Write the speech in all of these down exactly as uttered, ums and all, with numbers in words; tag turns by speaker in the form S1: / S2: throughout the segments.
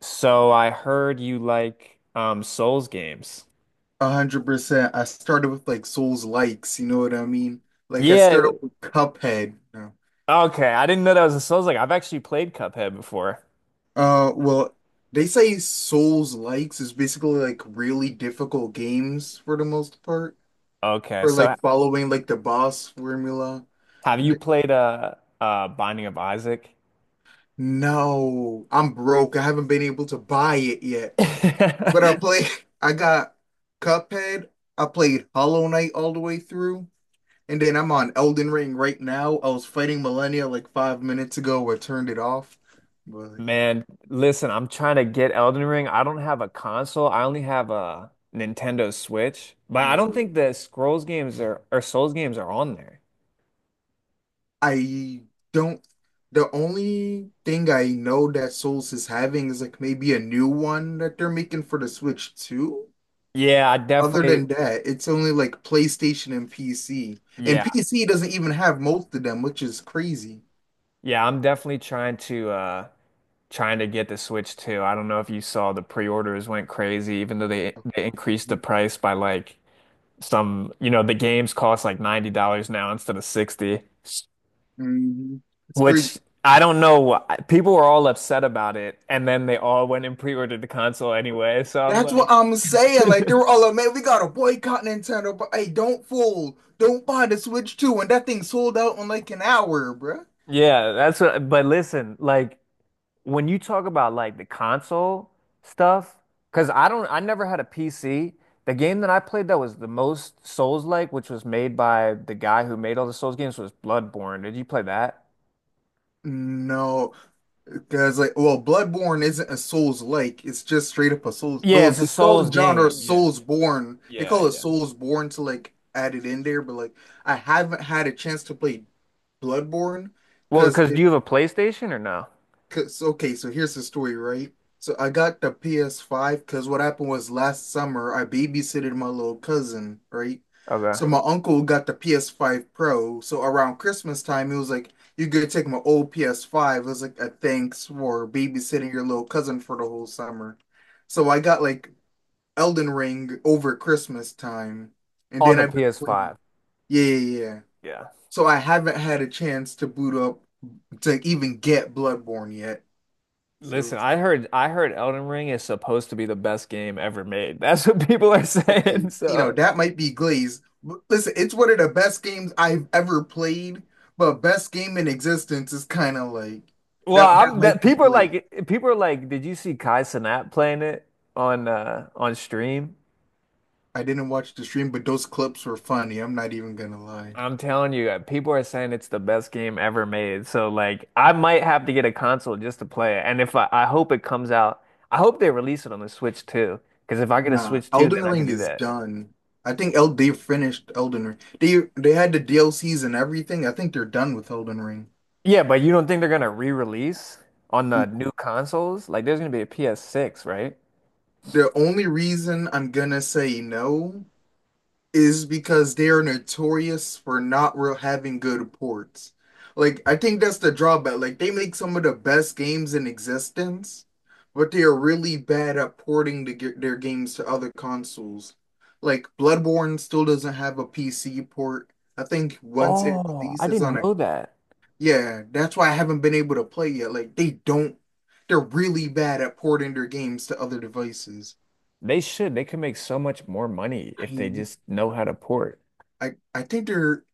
S1: So I heard you like um Souls games.
S2: A hundred percent. I started with like Souls likes, you know what I mean? Like I
S1: Yeah.
S2: started
S1: it-
S2: with Cuphead. No.
S1: Okay. I didn't know that was a Souls like. I've actually played Cuphead before.
S2: Uh, well, they say Souls likes is basically like really difficult games for the most part,
S1: Okay.
S2: or
S1: So
S2: like following like the boss formula.
S1: have you
S2: D-
S1: played uh uh Binding of Isaac?
S2: No, I'm broke. I haven't been able to buy it yet. But I play. I got Cuphead. I played Hollow Knight all the way through. And then I'm on Elden Ring right now. I was fighting Millennia like five minutes ago I turned it off. But
S1: Man, listen, I'm trying to get Elden Ring. I don't have a console. I only have a Nintendo Switch. But I don't
S2: oh,
S1: think the Scrolls games are or Souls games are on there.
S2: I don't. The only thing I know that Souls is having is like maybe a new one that they're making for the Switch too.
S1: Yeah, I
S2: Other
S1: definitely,
S2: than that, it's only like PlayStation and P C. And
S1: yeah.
S2: P C doesn't even have most of them, which is crazy.
S1: Yeah, I'm definitely trying to uh trying to get the Switch too. I don't know if you saw the pre-orders went crazy, even though they they increased the price by like some, you know, the games cost like ninety dollars now instead of sixty,
S2: Mhm. It's crazy.
S1: which I don't know. why- People were all upset about it, and then they all went and pre-ordered the console anyway. So I'm
S2: That's
S1: like,
S2: what I'm saying. Like they were all like, "Man, we gotta boycott Nintendo." But hey, don't fool. Don't buy the Switch two when that thing sold out in like an hour, bruh.
S1: yeah, that's what, but listen, like when you talk about like the console stuff, because I don't, I never had a P C. The game that I played that was the most Souls-like, which was made by the guy who made all the Souls games, was Bloodborne. Did you play that?
S2: No, because like, well, Bloodborne isn't a Souls-like. It's just straight up a Souls.
S1: Yeah,
S2: Though
S1: it's a
S2: they call
S1: Souls
S2: the genre Mm.
S1: game. Yeah,
S2: Soulsborne. They
S1: yeah,
S2: call it
S1: yeah.
S2: Soulsborne to like add it in there. But like, I haven't had a chance to play Bloodborne
S1: Well,
S2: because
S1: because do you have a PlayStation or no?
S2: Cause okay, so here's the story, right? So I got the P S five because what happened was last summer I babysitted my little cousin, right?
S1: Okay.
S2: So my uncle got the P S five Pro. So around Christmas time, he was like, "You could take my old P S five." It was like a thanks for babysitting your little cousin for the whole summer. So I got like Elden Ring over Christmas time, and
S1: On
S2: then
S1: the
S2: I've been playing.
S1: P S five.
S2: Yeah, yeah, yeah.
S1: Yeah.
S2: So I haven't had a chance to boot up to even get Bloodborne yet. So.
S1: Listen, I heard I heard Elden Ring is supposed to be the best game ever made. That's what people are saying.
S2: Okay, you know,
S1: So
S2: that might be Glaze. But listen, it's one of the best games I've ever played, but best game in existence is kind of like
S1: well,
S2: that. That
S1: I'm that
S2: might be
S1: people are
S2: Glaze.
S1: like people are like, did you see Kai Cenat playing it on uh on stream?
S2: I didn't watch the stream, but those clips were funny. I'm not even gonna lie.
S1: I'm telling you, uh, people are saying it's the best game ever made. So like I might have to get a console just to play it. And if I, I hope it comes out, I hope they release it on the Switch too. Because if I get a
S2: Nah,
S1: Switch too, then
S2: Elden
S1: I can
S2: Ring
S1: do
S2: is
S1: that.
S2: done. I think El they finished Elden Ring. They they had the D L Cs and everything. I think they're done with Elden Ring.
S1: Yeah, but you don't think they're gonna re-release on the new consoles? Like there's gonna be a P S six, right?
S2: The only reason I'm gonna say no is because they are notorious for not real having good ports. Like I think that's the drawback. Like they make some of the best games in existence, but they are really bad at porting the, ge- their games to other consoles. Like Bloodborne still doesn't have a P C port. I think once it
S1: Oh, I
S2: releases on
S1: didn't
S2: a.
S1: know that.
S2: Yeah, that's why I haven't been able to play yet. Like they don't, they're really bad at porting their games to other devices.
S1: They should. They could make so much more money if they
S2: I
S1: just know how to port.
S2: I I think they're.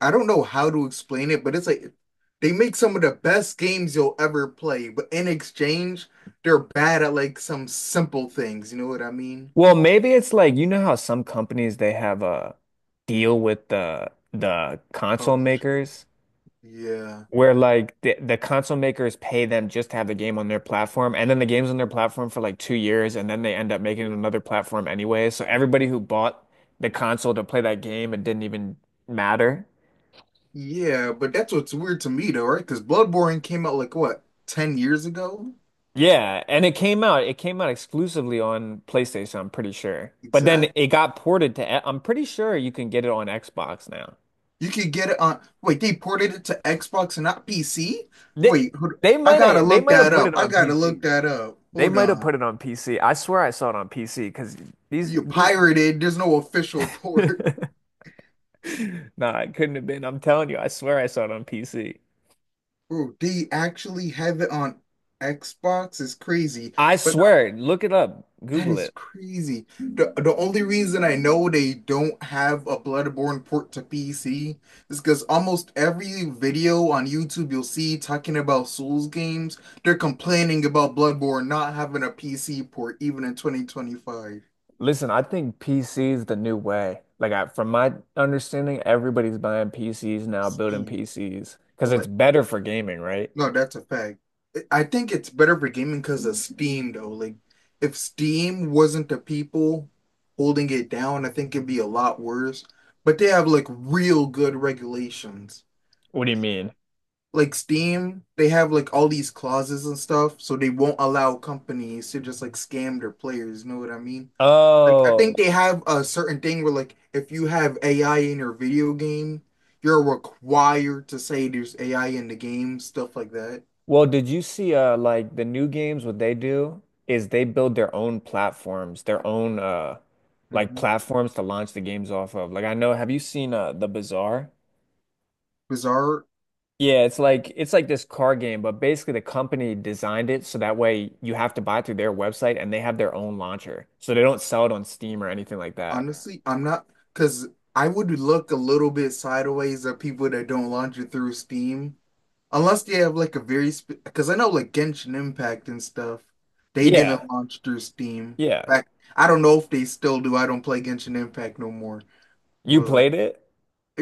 S2: I don't know how to explain it, but it's like they make some of the best games you'll ever play, but in exchange, they're bad at like some simple things. You know what I mean?
S1: Well, maybe it's like you know how some companies they have a deal with the the console
S2: Publisher.
S1: makers
S2: Yeah.
S1: where like the, the console makers pay them just to have the game on their platform and then the game's on their platform for like two years and then they end up making it
S2: Yeah.
S1: another platform anyway. So everybody who bought the console to play that game it didn't even matter.
S2: Yeah, but that's what's weird to me though, right? Because Bloodborne came out like what, ten years ago?
S1: Yeah, and it came out it came out exclusively on PlayStation, I'm pretty sure. But then
S2: Exactly.
S1: it got ported to E, I'm pretty sure you can get it on Xbox now.
S2: You could get it on. Wait, they ported it to Xbox and not P C?
S1: They
S2: Wait, hold,
S1: they
S2: I
S1: might
S2: gotta
S1: have they
S2: look
S1: might have
S2: that
S1: put
S2: up.
S1: it
S2: I
S1: on
S2: gotta
S1: P C.
S2: look that up.
S1: They
S2: Hold
S1: might have
S2: on.
S1: put it on P C. I swear I saw it on P C because these
S2: You
S1: these
S2: pirated. There's no official port.
S1: nah, it couldn't have been. I'm telling you, I swear I saw it on P C.
S2: Bro, they actually have it on Xbox is crazy,
S1: I
S2: but no,
S1: swear, look it up,
S2: that
S1: Google
S2: is
S1: it.
S2: crazy. The the only reason I know they don't have a Bloodborne port to P C is because almost every video on YouTube you'll see talking about Souls games, they're complaining about Bloodborne not having a P C port even in twenty twenty-five.
S1: Listen, I think P C is the new way. Like I, from my understanding, everybody's buying P Cs
S2: I'm
S1: now, building
S2: saying,
S1: P Cs because
S2: well,
S1: it's better for gaming, right?
S2: no, that's a fact. I think it's better for gaming because of Steam, though. Like, if Steam wasn't the people holding it down, I think it'd be a lot worse. But they have like real good regulations.
S1: What do you mean?
S2: Like Steam, they have like all these clauses and stuff, so they won't allow companies to just like scam their players. You know what I mean? Like, I
S1: Oh,
S2: think they have a certain thing where like if you have A I in your video game, you're required to say there's A I in the game, stuff like that.
S1: well, did you see uh like the new games what they do is they build their own platforms, their own uh like platforms to launch the games off of. Like I know, have you seen uh The Bazaar?
S2: Bizarre,
S1: Yeah, it's like it's like this car game, but basically the company designed it so that way you have to buy it through their website and they have their own launcher. So they don't sell it on Steam or anything like that.
S2: honestly, I'm not because I would look a little bit sideways at people that don't launch it through Steam, unless they have like a very because I know like Genshin Impact and stuff, they didn't
S1: Yeah.
S2: launch through Steam.
S1: Yeah.
S2: Back, I don't know if they still do. I don't play Genshin Impact no more.
S1: You
S2: But
S1: played it?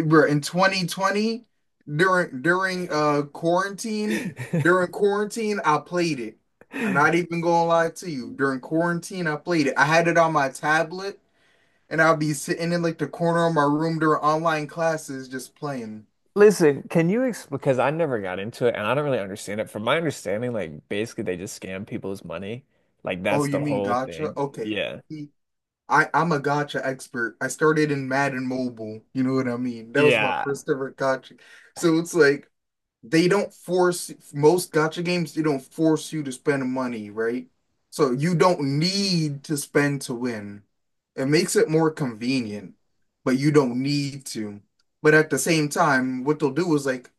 S2: bro, in twenty twenty, during during uh quarantine, during quarantine, I played it. I'm not even gonna lie to you. During quarantine, I played it. I had it on my tablet. And I'll be sitting in like the corner of my room during online classes just playing.
S1: Listen, can you explain? Because I never got into it, and I don't really understand it. From my understanding, like basically they just scam people's money. Like
S2: Oh,
S1: that's
S2: you
S1: the
S2: mean
S1: whole
S2: gotcha?
S1: thing.
S2: Okay.
S1: Yeah.
S2: See, I, I'm a gotcha expert. I started in Madden Mobile. You know what I mean? That was my
S1: Yeah.
S2: first ever gotcha. So it's like they don't force most gacha games, they don't force you to spend money, right? So you don't need to spend to win. It makes it more convenient, but you don't need to. But at the same time, what they'll do is like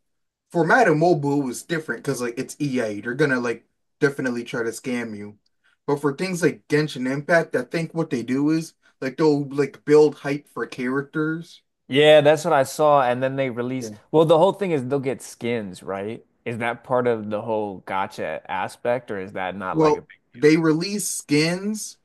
S2: for Madden Mobile is different because like it's E A. They're gonna like definitely try to scam you. But for things like Genshin Impact, I think what they do is like they'll like build hype for characters.
S1: Yeah, that's what I saw. And then they release.
S2: Yeah.
S1: Well, the whole thing is they'll get skins, right? Is that part of the whole gotcha aspect, or is that not like a
S2: Well,
S1: big
S2: they release skins.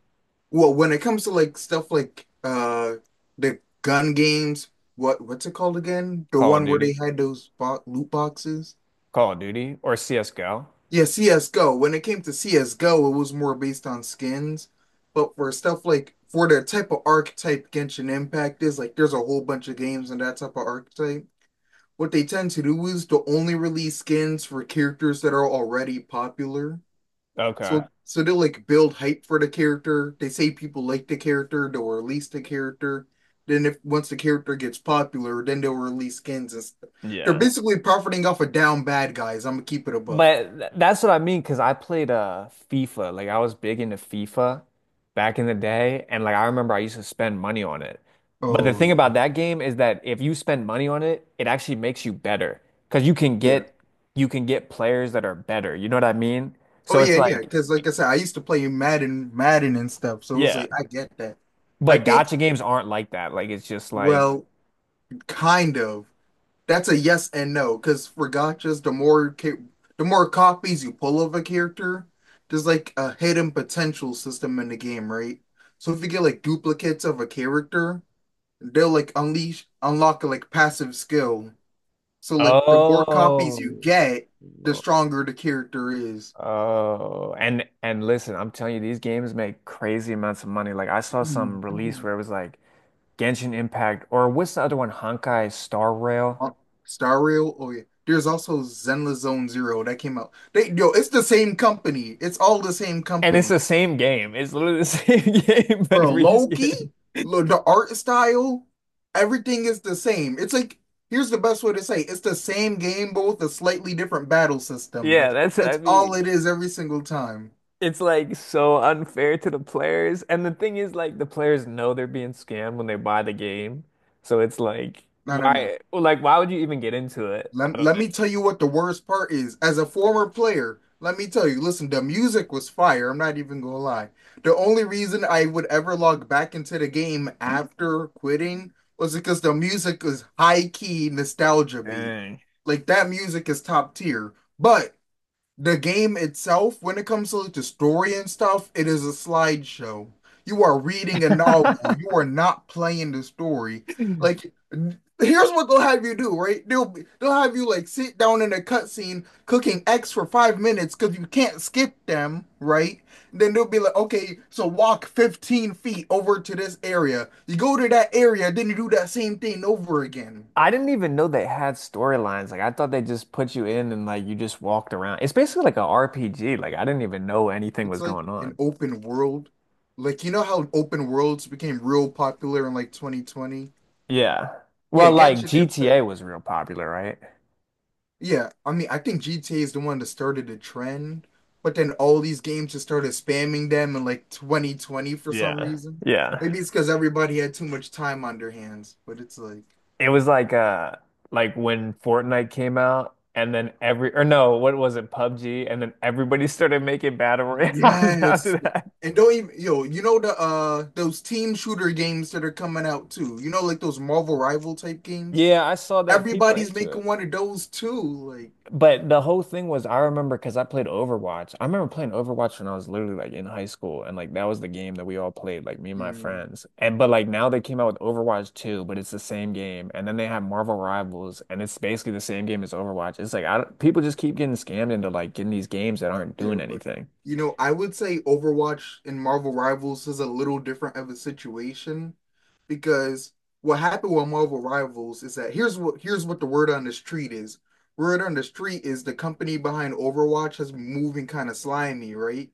S2: Well, when it comes to like stuff like uh the gun games, what what's it called again? The
S1: Call of
S2: one where they
S1: Duty?
S2: had those bo loot boxes?
S1: Call of Duty or C S G O?
S2: Yeah, CS:GO. When it came to CS:GO, it was more based on skins, but for stuff like for the type of archetype Genshin Impact is, like there's a whole bunch of games in that type of archetype. What they tend to do is to only release skins for characters that are already popular.
S1: Okay.
S2: So so they'll like build hype for the character. They say people like the character, they'll release the character. Then if once the character gets popular, then they'll release skins and stuff. They're
S1: Yeah.
S2: basically profiting off of down bad guys. I'm gonna keep it a buck.
S1: But th- that's what I mean, because I played uh FIFA. Like I was big into FIFA back in the day, and like I remember I used to spend money on it. But the
S2: Oh,
S1: thing
S2: yeah.
S1: about that game is that if you spend money on it, it actually makes you better because you can
S2: Yeah.
S1: get you can get players that are better. You know what I mean?
S2: Oh
S1: So it's
S2: yeah, yeah.
S1: like,
S2: Because like I said, I used to play Madden, Madden and stuff. So it was
S1: yeah.
S2: like I get that. I
S1: But
S2: think,
S1: gotcha games aren't like that. Like it's just like,
S2: well, kind of. That's a yes and no, because for gotchas, the more ca the more copies you pull of a character, there's like a hidden potential system in the game, right? So if you get like duplicates of a character, they'll like unleash unlock a like passive skill. So like the more
S1: oh,
S2: copies you get, the stronger the character is.
S1: oh, and and listen, I'm telling you, these games make crazy amounts of money. Like I saw some
S2: Mm,
S1: release
S2: no.
S1: where it was like Genshin Impact, or what's the other one, Honkai Star Rail,
S2: Uh, Star Rail, oh yeah. There's also Zenless Zone Zero that came out. They Yo, it's the same company. It's all the same
S1: and it's
S2: company.
S1: the same game. It's literally the same game but
S2: Bro, Loki,
S1: reskin.
S2: lo- the art style, everything is the same. It's like, here's the best way to say it. It's the same game, but with a slightly different battle system, bro.
S1: Yeah, that's what I
S2: That's all
S1: mean.
S2: it is every single time.
S1: It's like so unfair to the players, and the thing is, like the players know they're being scammed when they buy the game, so it's like
S2: I don't know.
S1: why, like why would you even get into it? I
S2: Let,
S1: don't
S2: let
S1: know.
S2: me tell you what the worst part is. As a former player, let me tell you, listen, the music was fire. I'm not even gonna lie. The only reason I would ever log back into the game after quitting was because the music was high key nostalgia beat.
S1: Dang.
S2: Like that music is top tier. But the game itself, when it comes to like the story and stuff, it is a slideshow. You are reading a novel. You are not playing the story. Like, n- here's what they'll have you do, right? They'll be- they'll have you like sit down in a cutscene cooking X for five minutes because you can't skip them, right? Then they'll be like, okay, so walk fifteen feet over to this area. You go to that area, then you do that same thing over again.
S1: I didn't even know they had storylines. Like I thought they just put you in and like you just walked around. It's basically like a R P G. Like I didn't even know anything
S2: It's
S1: was
S2: like
S1: going
S2: an
S1: on.
S2: open world. Like you know how open worlds became real popular in like twenty twenty?
S1: Yeah.
S2: Yeah,
S1: Well, like
S2: Genshin Impact.
S1: G T A was real popular, right?
S2: Yeah, I mean, I think G T A is the one that started the trend, but then all these games just started spamming them in like twenty twenty for some
S1: Yeah.
S2: reason.
S1: Yeah.
S2: Maybe it's because everybody had too much time on their hands, but it's like,
S1: It was like uh like when Fortnite came out and then every or no, what was it, PUBG, and then everybody started making battle royales
S2: yes.
S1: after that.
S2: And don't even, yo, you know the uh those team shooter games that are coming out too. You know, like those Marvel Rival type games?
S1: Yeah, I saw that people are
S2: Everybody's
S1: into it.
S2: making one of those too. Like,
S1: But the whole thing was, I remember because I played Overwatch. I remember playing Overwatch when I was literally like in high school, and like that was the game that we all played, like me and my
S2: mm,
S1: friends. And but like now they came out with Overwatch two, but it's the same game. And then they have Marvel Rivals, and it's basically the same game as Overwatch. It's like I don't, people just keep getting scammed into like getting these games that aren't
S2: yeah,
S1: doing
S2: but
S1: anything.
S2: you know, I would say Overwatch and Marvel Rivals is a little different of a situation because what happened with Marvel Rivals is that here's what here's what the word on the street is. Word on the street is the company behind Overwatch has been moving kind of slimy, right?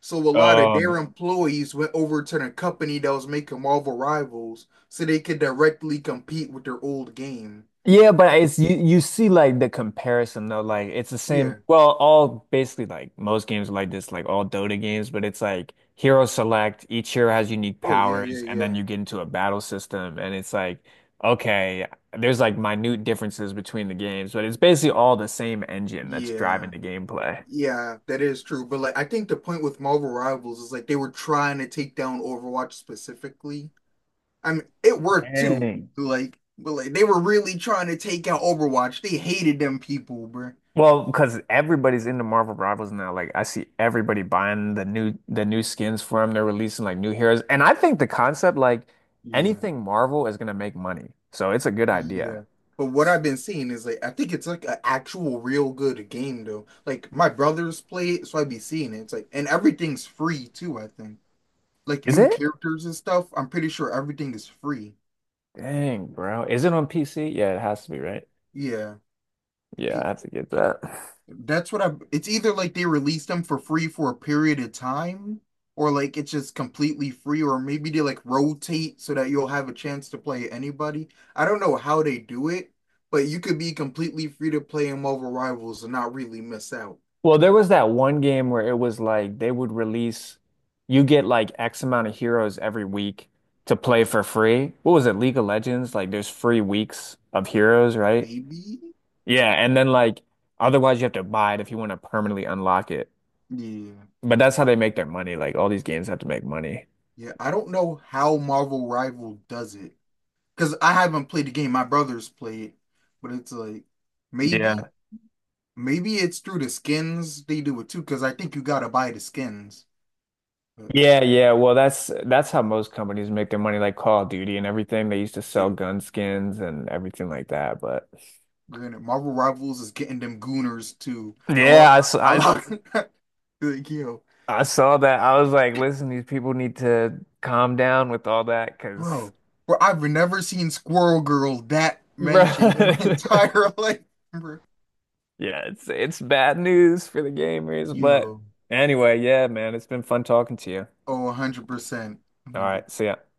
S2: So a lot of
S1: Oh,
S2: their employees went over to the company that was making Marvel Rivals so they could directly compete with their old game.
S1: yeah, but it's you you see like the comparison though, like it's the same.
S2: Yeah.
S1: Well, all basically like most games are like this, like all Dota games, but it's like hero select, each hero has unique
S2: Oh yeah, yeah,
S1: powers, and
S2: yeah.
S1: then you get into a battle system, and it's like, okay, there's like minute differences between the games, but it's basically all the same engine that's driving
S2: Yeah.
S1: the gameplay.
S2: Yeah, that is true. But like I think the point with Marvel Rivals is like they were trying to take down Overwatch specifically. I mean, it worked too.
S1: Dang.
S2: Like, but like they were really trying to take out Overwatch. They hated them people, bro.
S1: Well, because everybody's into Marvel Rivals now. Like I see everybody buying the new the new skins for them. They're releasing like new heroes. And I think the concept, like
S2: Yeah.
S1: anything Marvel is gonna make money. So it's a good idea.
S2: Yeah. But what I've been seeing is like I think it's like an actual real good game though. Like my brothers play it, so I be seeing it. It's like and everything's free too, I think. Like
S1: Is
S2: new
S1: it?
S2: characters and stuff. I'm pretty sure everything is free.
S1: Dang, bro. Is it on P C? Yeah, it has to be, right?
S2: Yeah.
S1: Yeah, I have to get that.
S2: That's what I. It's either like they released them for free for a period of time, or like it's just completely free, or maybe they like rotate so that you'll have a chance to play anybody. I don't know how they do it, but you could be completely free to play them over rivals and not really miss out.
S1: Well, there was that one game where it was like they would release, you get like X amount of heroes every week to play for free. What was it, League of Legends? Like there's free weeks of heroes, right?
S2: Maybe?
S1: Yeah, and then like otherwise you have to buy it if you want to permanently unlock it.
S2: Yeah.
S1: But that's how they make their money. Like all these games have to make money.
S2: Yeah. I don't know how Marvel Rival does it because I haven't played the game. My brothers play it, but it's like maybe,
S1: Yeah.
S2: maybe it's through the skins they do it too because I think you gotta buy the skins. But
S1: Yeah, yeah. Well, that's that's how most companies make their money, like Call of Duty and everything. They used to sell
S2: yeah,
S1: gun skins and everything like that. But
S2: granted, Marvel Rivals is getting them gooners too. I love,
S1: yeah, I, s-
S2: I
S1: I,
S2: love, like yo,
S1: I saw that. I was like, listen, these people need to calm down with all that, because
S2: bro, bro. I've never seen Squirrel Girl that
S1: bro,
S2: mentioned in my entire life, bro.
S1: yeah, it's it's bad news for the gamers. But
S2: Yo,
S1: anyway, yeah, man, it's been fun talking to you.
S2: oh, one hundred percent,
S1: All
S2: one hundred percent.
S1: right, see ya.